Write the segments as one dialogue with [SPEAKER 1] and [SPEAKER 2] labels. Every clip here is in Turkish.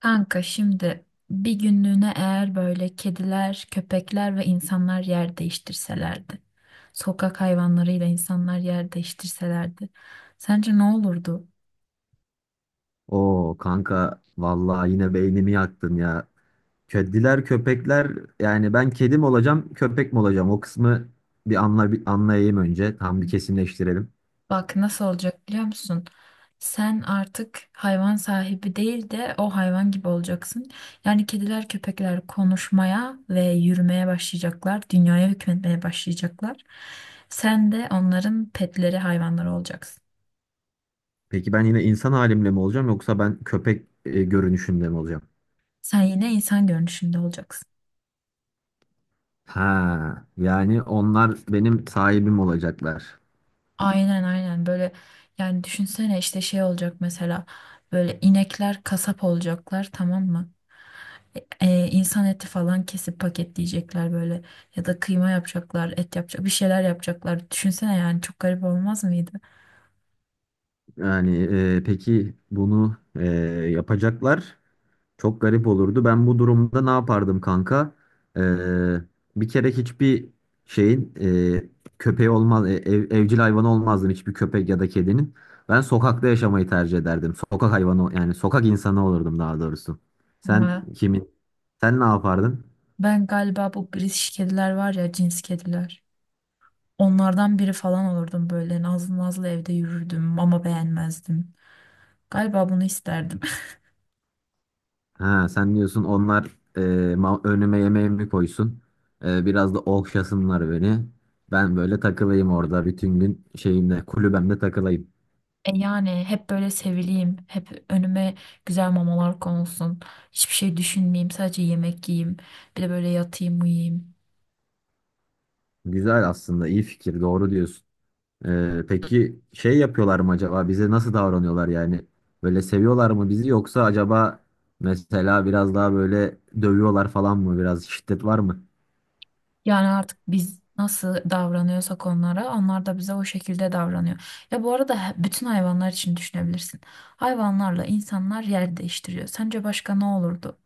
[SPEAKER 1] Kanka şimdi bir günlüğüne eğer böyle kediler, köpekler ve insanlar yer değiştirselerdi, sokak hayvanlarıyla insanlar yer değiştirselerdi, sence ne olurdu?
[SPEAKER 2] Oo kanka vallahi yine beynimi yaktın ya. Kediler köpekler yani ben kedi mi olacağım köpek mi olacağım o kısmı bir anlayayım önce tam bir kesinleştirelim.
[SPEAKER 1] Bak nasıl olacak biliyor musun? Sen artık hayvan sahibi değil de o hayvan gibi olacaksın. Yani kediler, köpekler konuşmaya ve yürümeye başlayacaklar, dünyaya hükmetmeye başlayacaklar. Sen de onların petleri, hayvanları olacaksın.
[SPEAKER 2] Peki ben yine insan halimle mi olacağım yoksa ben köpek görünüşümle mi olacağım?
[SPEAKER 1] Sen yine insan görünüşünde olacaksın.
[SPEAKER 2] Ha yani onlar benim sahibim olacaklar.
[SPEAKER 1] Aynen aynen böyle yani düşünsene işte şey olacak mesela böyle inekler kasap olacaklar, tamam mı? İnsan eti falan kesip paketleyecekler böyle ya da kıyma yapacaklar, et yapacak, bir şeyler yapacaklar. Düşünsene, yani çok garip olmaz mıydı?
[SPEAKER 2] Yani peki bunu yapacaklar. Çok garip olurdu. Ben bu durumda ne yapardım kanka? Ee, Bir kere hiçbir şeyin köpeği olmaz, evcil hayvanı olmazdım hiçbir köpek ya da kedinin. Ben sokakta yaşamayı tercih ederdim. Sokak hayvanı yani sokak insanı olurdum daha doğrusu. Sen
[SPEAKER 1] Ya
[SPEAKER 2] kimin? Sen ne yapardın?
[SPEAKER 1] ben galiba bu British kediler var ya, cins kediler, onlardan biri falan olurdum, böyle nazlı nazlı evde yürürdüm ama beğenmezdim galiba, bunu isterdim.
[SPEAKER 2] Ha, sen diyorsun onlar e, önüme yemeğimi koysun. Biraz da okşasınlar beni. Ben böyle takılayım orada bütün gün şeyimde kulübemde takılayım.
[SPEAKER 1] E yani hep böyle sevileyim, hep önüme güzel mamalar konulsun, hiçbir şey düşünmeyeyim, sadece yemek yiyeyim, bir de böyle yatayım, uyuyayım.
[SPEAKER 2] Güzel aslında iyi fikir doğru diyorsun. Peki şey yapıyorlar mı acaba bize nasıl davranıyorlar yani böyle seviyorlar mı bizi yoksa acaba mesela biraz daha böyle dövüyorlar falan mı biraz şiddet var mı?
[SPEAKER 1] Yani artık biz nasıl davranıyorsak onlara, onlar da bize o şekilde davranıyor. Ya bu arada bütün hayvanlar için düşünebilirsin. Hayvanlarla insanlar yer değiştiriyor. Sence başka ne olurdu?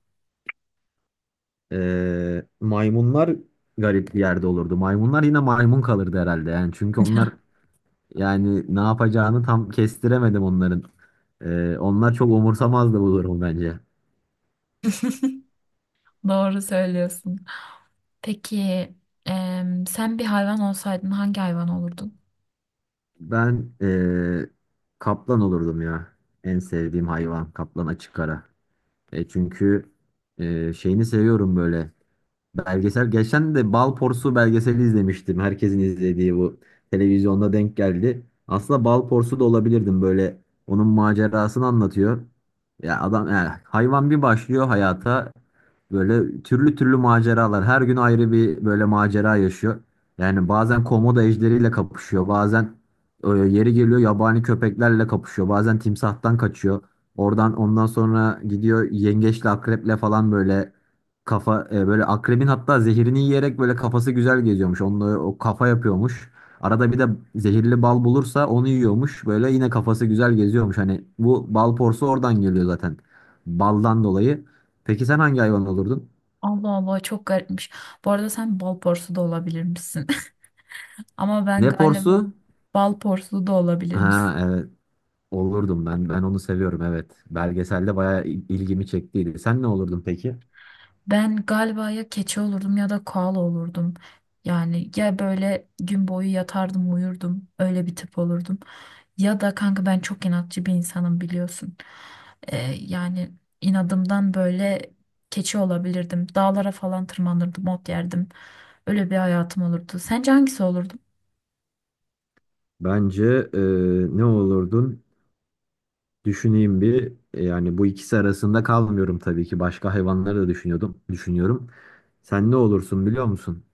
[SPEAKER 2] Maymunlar garip bir yerde olurdu. Maymunlar yine maymun kalırdı herhalde yani çünkü onlar yani ne yapacağını tam kestiremedim onların. Onlar çok umursamazdı bu durumu bence.
[SPEAKER 1] Doğru söylüyorsun. Peki sen bir hayvan olsaydın hangi hayvan olurdun?
[SPEAKER 2] Ben kaplan olurdum ya. En sevdiğim hayvan kaplan açık ara. Çünkü şeyini seviyorum böyle. Belgesel geçen de Balporsu belgeseli izlemiştim. Herkesin izlediği bu televizyonda denk geldi. Aslında Balporsu da olabilirdim böyle. Onun macerasını anlatıyor. Ya adam yani hayvan bir başlıyor hayata böyle türlü türlü maceralar. Her gün ayrı bir böyle macera yaşıyor. Yani bazen komodo ejderiyle kapışıyor. Bazen yeri geliyor yabani köpeklerle kapışıyor. Bazen timsahtan kaçıyor. Oradan ondan sonra gidiyor yengeçle akreple falan böyle kafa böyle akrebin hatta zehirini yiyerek böyle kafası güzel geziyormuş. Onunla o kafa yapıyormuş. Arada bir de zehirli bal bulursa onu yiyormuş. Böyle yine kafası güzel geziyormuş. Hani bu bal porsu oradan geliyor zaten. Baldan dolayı. Peki sen hangi hayvan olurdun?
[SPEAKER 1] Allah Allah, çok garipmiş. Bu arada sen bal porsu da olabilirmişsin. Ama ben
[SPEAKER 2] Ne
[SPEAKER 1] galiba
[SPEAKER 2] porsu?
[SPEAKER 1] bal porsu da olabilirmişsin.
[SPEAKER 2] Ha evet olurdum ben. Ben onu seviyorum evet. Belgeselde bayağı ilgimi çektiydi. Sen ne olurdun peki?
[SPEAKER 1] Ben galiba ya keçi olurdum ya da koala olurdum. Yani ya böyle gün boyu yatardım, uyurdum, öyle bir tip olurdum. Ya da kanka ben çok inatçı bir insanım biliyorsun. Yani inadımdan böyle keçi olabilirdim. Dağlara falan tırmanırdım, ot yerdim. Öyle bir hayatım olurdu. Sence hangisi olurdum?
[SPEAKER 2] Bence e, ne olurdun? Düşüneyim bir. Yani bu ikisi arasında kalmıyorum tabii ki. Başka hayvanları da düşünüyordum, düşünüyorum. Sen ne olursun biliyor musun?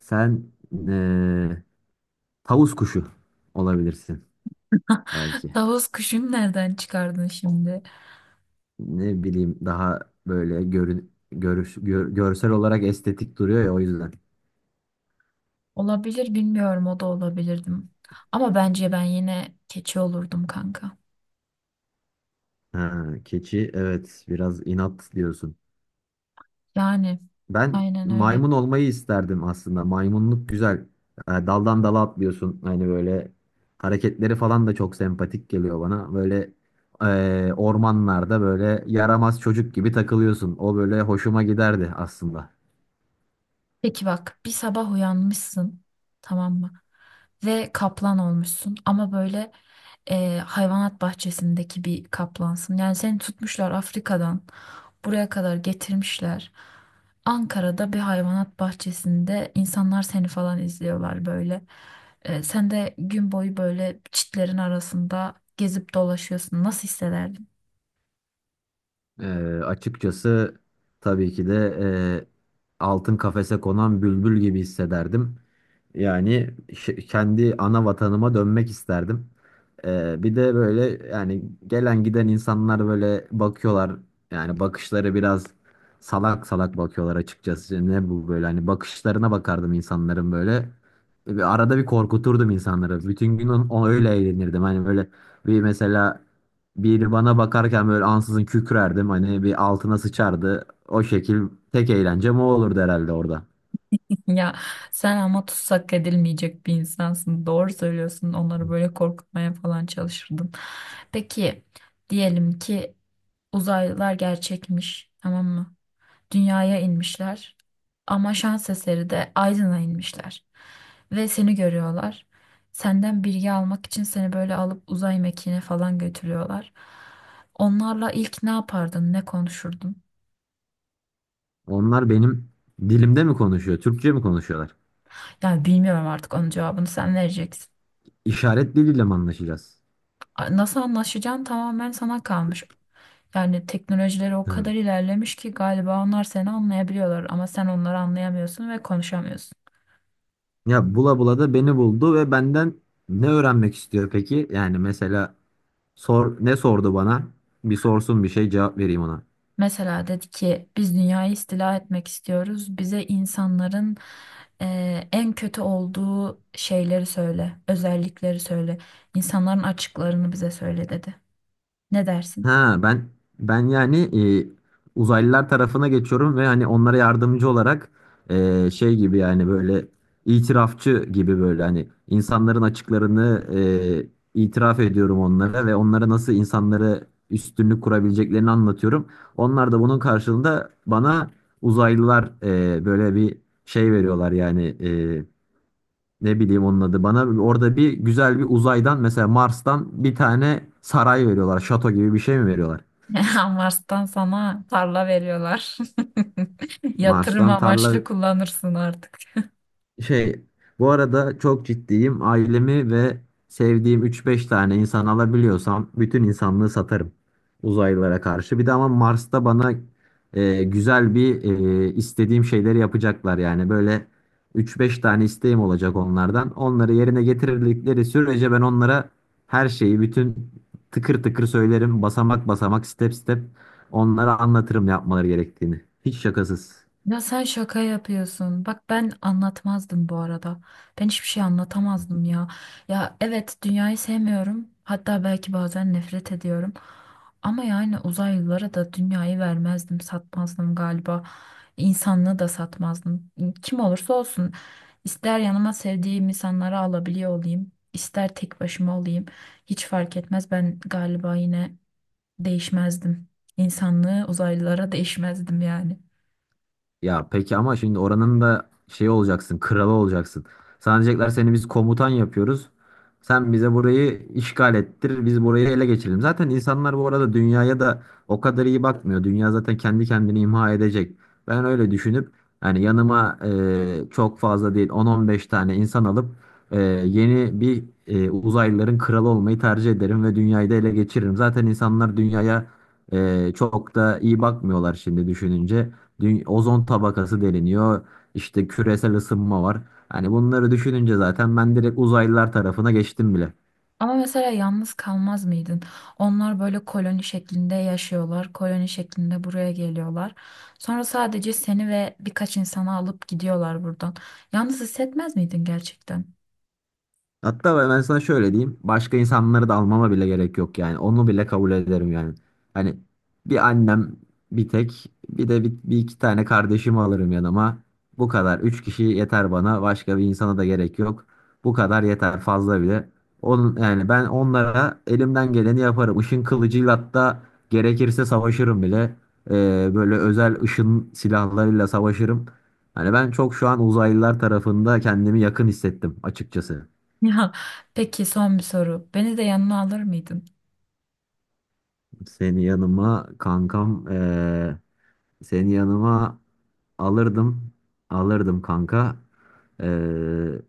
[SPEAKER 2] Sen e, tavus kuşu olabilirsin belki.
[SPEAKER 1] Tavus kuşunu nereden çıkardın şimdi?
[SPEAKER 2] Ne bileyim daha böyle görsel olarak estetik duruyor ya o yüzden.
[SPEAKER 1] Olabilir, bilmiyorum, o da olabilirdim. Ama bence ben yine keçi olurdum kanka.
[SPEAKER 2] Ha, keçi evet biraz inat diyorsun.
[SPEAKER 1] Yani
[SPEAKER 2] Ben
[SPEAKER 1] aynen öyle.
[SPEAKER 2] maymun olmayı isterdim aslında. Maymunluk güzel. Daldan dala atlıyorsun. Hani böyle hareketleri falan da çok sempatik geliyor bana. Böyle ormanlarda böyle yaramaz çocuk gibi takılıyorsun. O böyle hoşuma giderdi aslında.
[SPEAKER 1] Peki bak, bir sabah uyanmışsın, tamam mı? Ve kaplan olmuşsun ama böyle hayvanat bahçesindeki bir kaplansın. Yani seni tutmuşlar, Afrika'dan buraya kadar getirmişler. Ankara'da bir hayvanat bahçesinde insanlar seni falan izliyorlar böyle. E, sen de gün boyu böyle çitlerin arasında gezip dolaşıyorsun. Nasıl hissederdin?
[SPEAKER 2] E, Açıkçası tabii ki de altın kafese konan bülbül gibi hissederdim. Yani kendi ana vatanıma dönmek isterdim. Bir de böyle yani gelen giden insanlar böyle bakıyorlar. Yani bakışları biraz salak salak bakıyorlar açıkçası. Ne bu böyle hani bakışlarına bakardım insanların böyle. Bir arada bir korkuturdum insanları. Bütün gün o öyle eğlenirdim. Hani böyle bir mesela biri bana bakarken böyle ansızın kükrerdim. Hani bir altına sıçardı. O şekil tek eğlencem o olurdu herhalde orada.
[SPEAKER 1] Ya sen ama tutsak edilmeyecek bir insansın. Doğru söylüyorsun. Onları böyle korkutmaya falan çalışırdım. Peki diyelim ki uzaylılar gerçekmiş, tamam mı? Dünyaya inmişler. Ama şans eseri de Aydın'a inmişler. Ve seni görüyorlar. Senden bilgi almak için seni böyle alıp uzay mekiğine falan götürüyorlar. Onlarla ilk ne yapardın, ne konuşurdun?
[SPEAKER 2] Onlar benim dilimde mi konuşuyor? Türkçe mi konuşuyorlar?
[SPEAKER 1] Ya bilmiyorum, artık onun cevabını sen vereceksin.
[SPEAKER 2] İşaret diliyle mi anlaşacağız?
[SPEAKER 1] Nasıl anlaşacağın tamamen sana kalmış. Yani teknolojileri o kadar
[SPEAKER 2] Hı.
[SPEAKER 1] ilerlemiş ki galiba onlar seni anlayabiliyorlar ama sen onları anlayamıyorsun ve konuşamıyorsun.
[SPEAKER 2] Ya bula bula da beni buldu ve benden ne öğrenmek istiyor peki? Yani mesela sor ne sordu bana? Bir sorsun bir şey cevap vereyim ona.
[SPEAKER 1] Mesela dedi ki biz dünyayı istila etmek istiyoruz. Bize insanların en kötü olduğu şeyleri söyle, özellikleri söyle. İnsanların açıklarını bize söyle, dedi. Ne dersin?
[SPEAKER 2] Ha ben yani uzaylılar tarafına geçiyorum ve hani onlara yardımcı olarak şey gibi yani böyle itirafçı gibi böyle hani insanların açıklarını itiraf ediyorum onlara ve onlara nasıl insanlara üstünlük kurabileceklerini anlatıyorum. Onlar da bunun karşılığında bana uzaylılar böyle bir şey veriyorlar yani ne bileyim onun adı bana orada bir güzel bir uzaydan mesela Mars'tan bir tane saray veriyorlar şato gibi bir şey mi veriyorlar?
[SPEAKER 1] Mars'tan sana tarla veriyorlar. Yatırım
[SPEAKER 2] Mars'tan tarla
[SPEAKER 1] amaçlı kullanırsın artık.
[SPEAKER 2] şey bu arada çok ciddiyim. Ailemi ve sevdiğim üç beş tane insan alabiliyorsam bütün insanlığı satarım uzaylılara karşı. Bir de ama Mars'ta bana güzel bir istediğim şeyleri yapacaklar yani. Böyle üç beş tane isteğim olacak onlardan. Onları yerine getirdikleri sürece ben onlara her şeyi bütün tıkır tıkır söylerim. Basamak basamak step step onlara anlatırım yapmaları gerektiğini. Hiç şakasız.
[SPEAKER 1] Ya sen şaka yapıyorsun. Bak ben anlatmazdım bu arada. Ben hiçbir şey anlatamazdım ya. Ya evet, dünyayı sevmiyorum. Hatta belki bazen nefret ediyorum. Ama yani uzaylılara da dünyayı vermezdim, satmazdım galiba. İnsanlığı da satmazdım. Kim olursa olsun. İster yanıma sevdiğim insanları alabiliyor olayım, ister tek başıma olayım. Hiç fark etmez. Ben galiba yine değişmezdim. İnsanlığı uzaylılara değişmezdim yani.
[SPEAKER 2] Ya peki ama şimdi oranın da şey olacaksın, kralı olacaksın. Sana diyecekler seni biz komutan yapıyoruz. Sen bize burayı işgal ettir, biz burayı ele geçirelim. Zaten insanlar bu arada dünyaya da o kadar iyi bakmıyor. Dünya zaten kendi kendini imha edecek. Ben öyle düşünüp yani yanıma çok fazla değil 10-15 tane insan alıp e, yeni bir uzaylıların kralı olmayı tercih ederim ve dünyayı da ele geçiririm. Zaten insanlar dünyaya çok da iyi bakmıyorlar şimdi düşününce ozon tabakası deliniyor. İşte küresel ısınma var. Hani bunları düşününce zaten ben direkt uzaylılar tarafına geçtim bile.
[SPEAKER 1] Ama mesela yalnız kalmaz mıydın? Onlar böyle koloni şeklinde yaşıyorlar. Koloni şeklinde buraya geliyorlar. Sonra sadece seni ve birkaç insanı alıp gidiyorlar buradan. Yalnız hissetmez miydin gerçekten?
[SPEAKER 2] Hatta ben sana şöyle diyeyim. Başka insanları da almama bile gerek yok yani. Onu bile kabul ederim yani. Hani bir annem bir tek bir de bir iki tane kardeşimi alırım yanıma. Bu kadar. Üç kişi yeter bana. Başka bir insana da gerek yok. Bu kadar yeter fazla bile. Onun, yani ben onlara elimden geleni yaparım. Işın kılıcıyla hatta gerekirse savaşırım bile. Böyle özel ışın silahlarıyla savaşırım. Hani ben çok şu an uzaylılar tarafında kendimi yakın hissettim açıkçası.
[SPEAKER 1] Ya peki, son bir soru. Beni de yanına alır mıydın?
[SPEAKER 2] Seni yanıma kankam seni yanıma alırdım alırdım kanka. Eee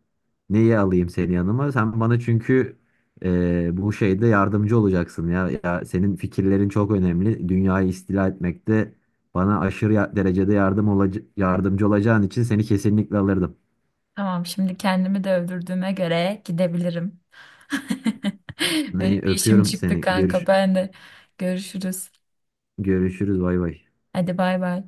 [SPEAKER 2] Neyi alayım seni yanıma? Sen bana çünkü bu şeyde yardımcı olacaksın ya. Ya senin fikirlerin çok önemli. Dünyayı istila etmekte bana aşırı derecede yardım yardımcı olacağın için seni kesinlikle alırdım.
[SPEAKER 1] Tamam, şimdi kendimi de öldürdüğüme göre gidebilirim. Benim
[SPEAKER 2] Neyi
[SPEAKER 1] bir işim
[SPEAKER 2] öpüyorum
[SPEAKER 1] çıktı
[SPEAKER 2] seni.
[SPEAKER 1] kanka.
[SPEAKER 2] Görüş
[SPEAKER 1] Ben de görüşürüz.
[SPEAKER 2] görüşürüz bay bay.
[SPEAKER 1] Hadi bay bay.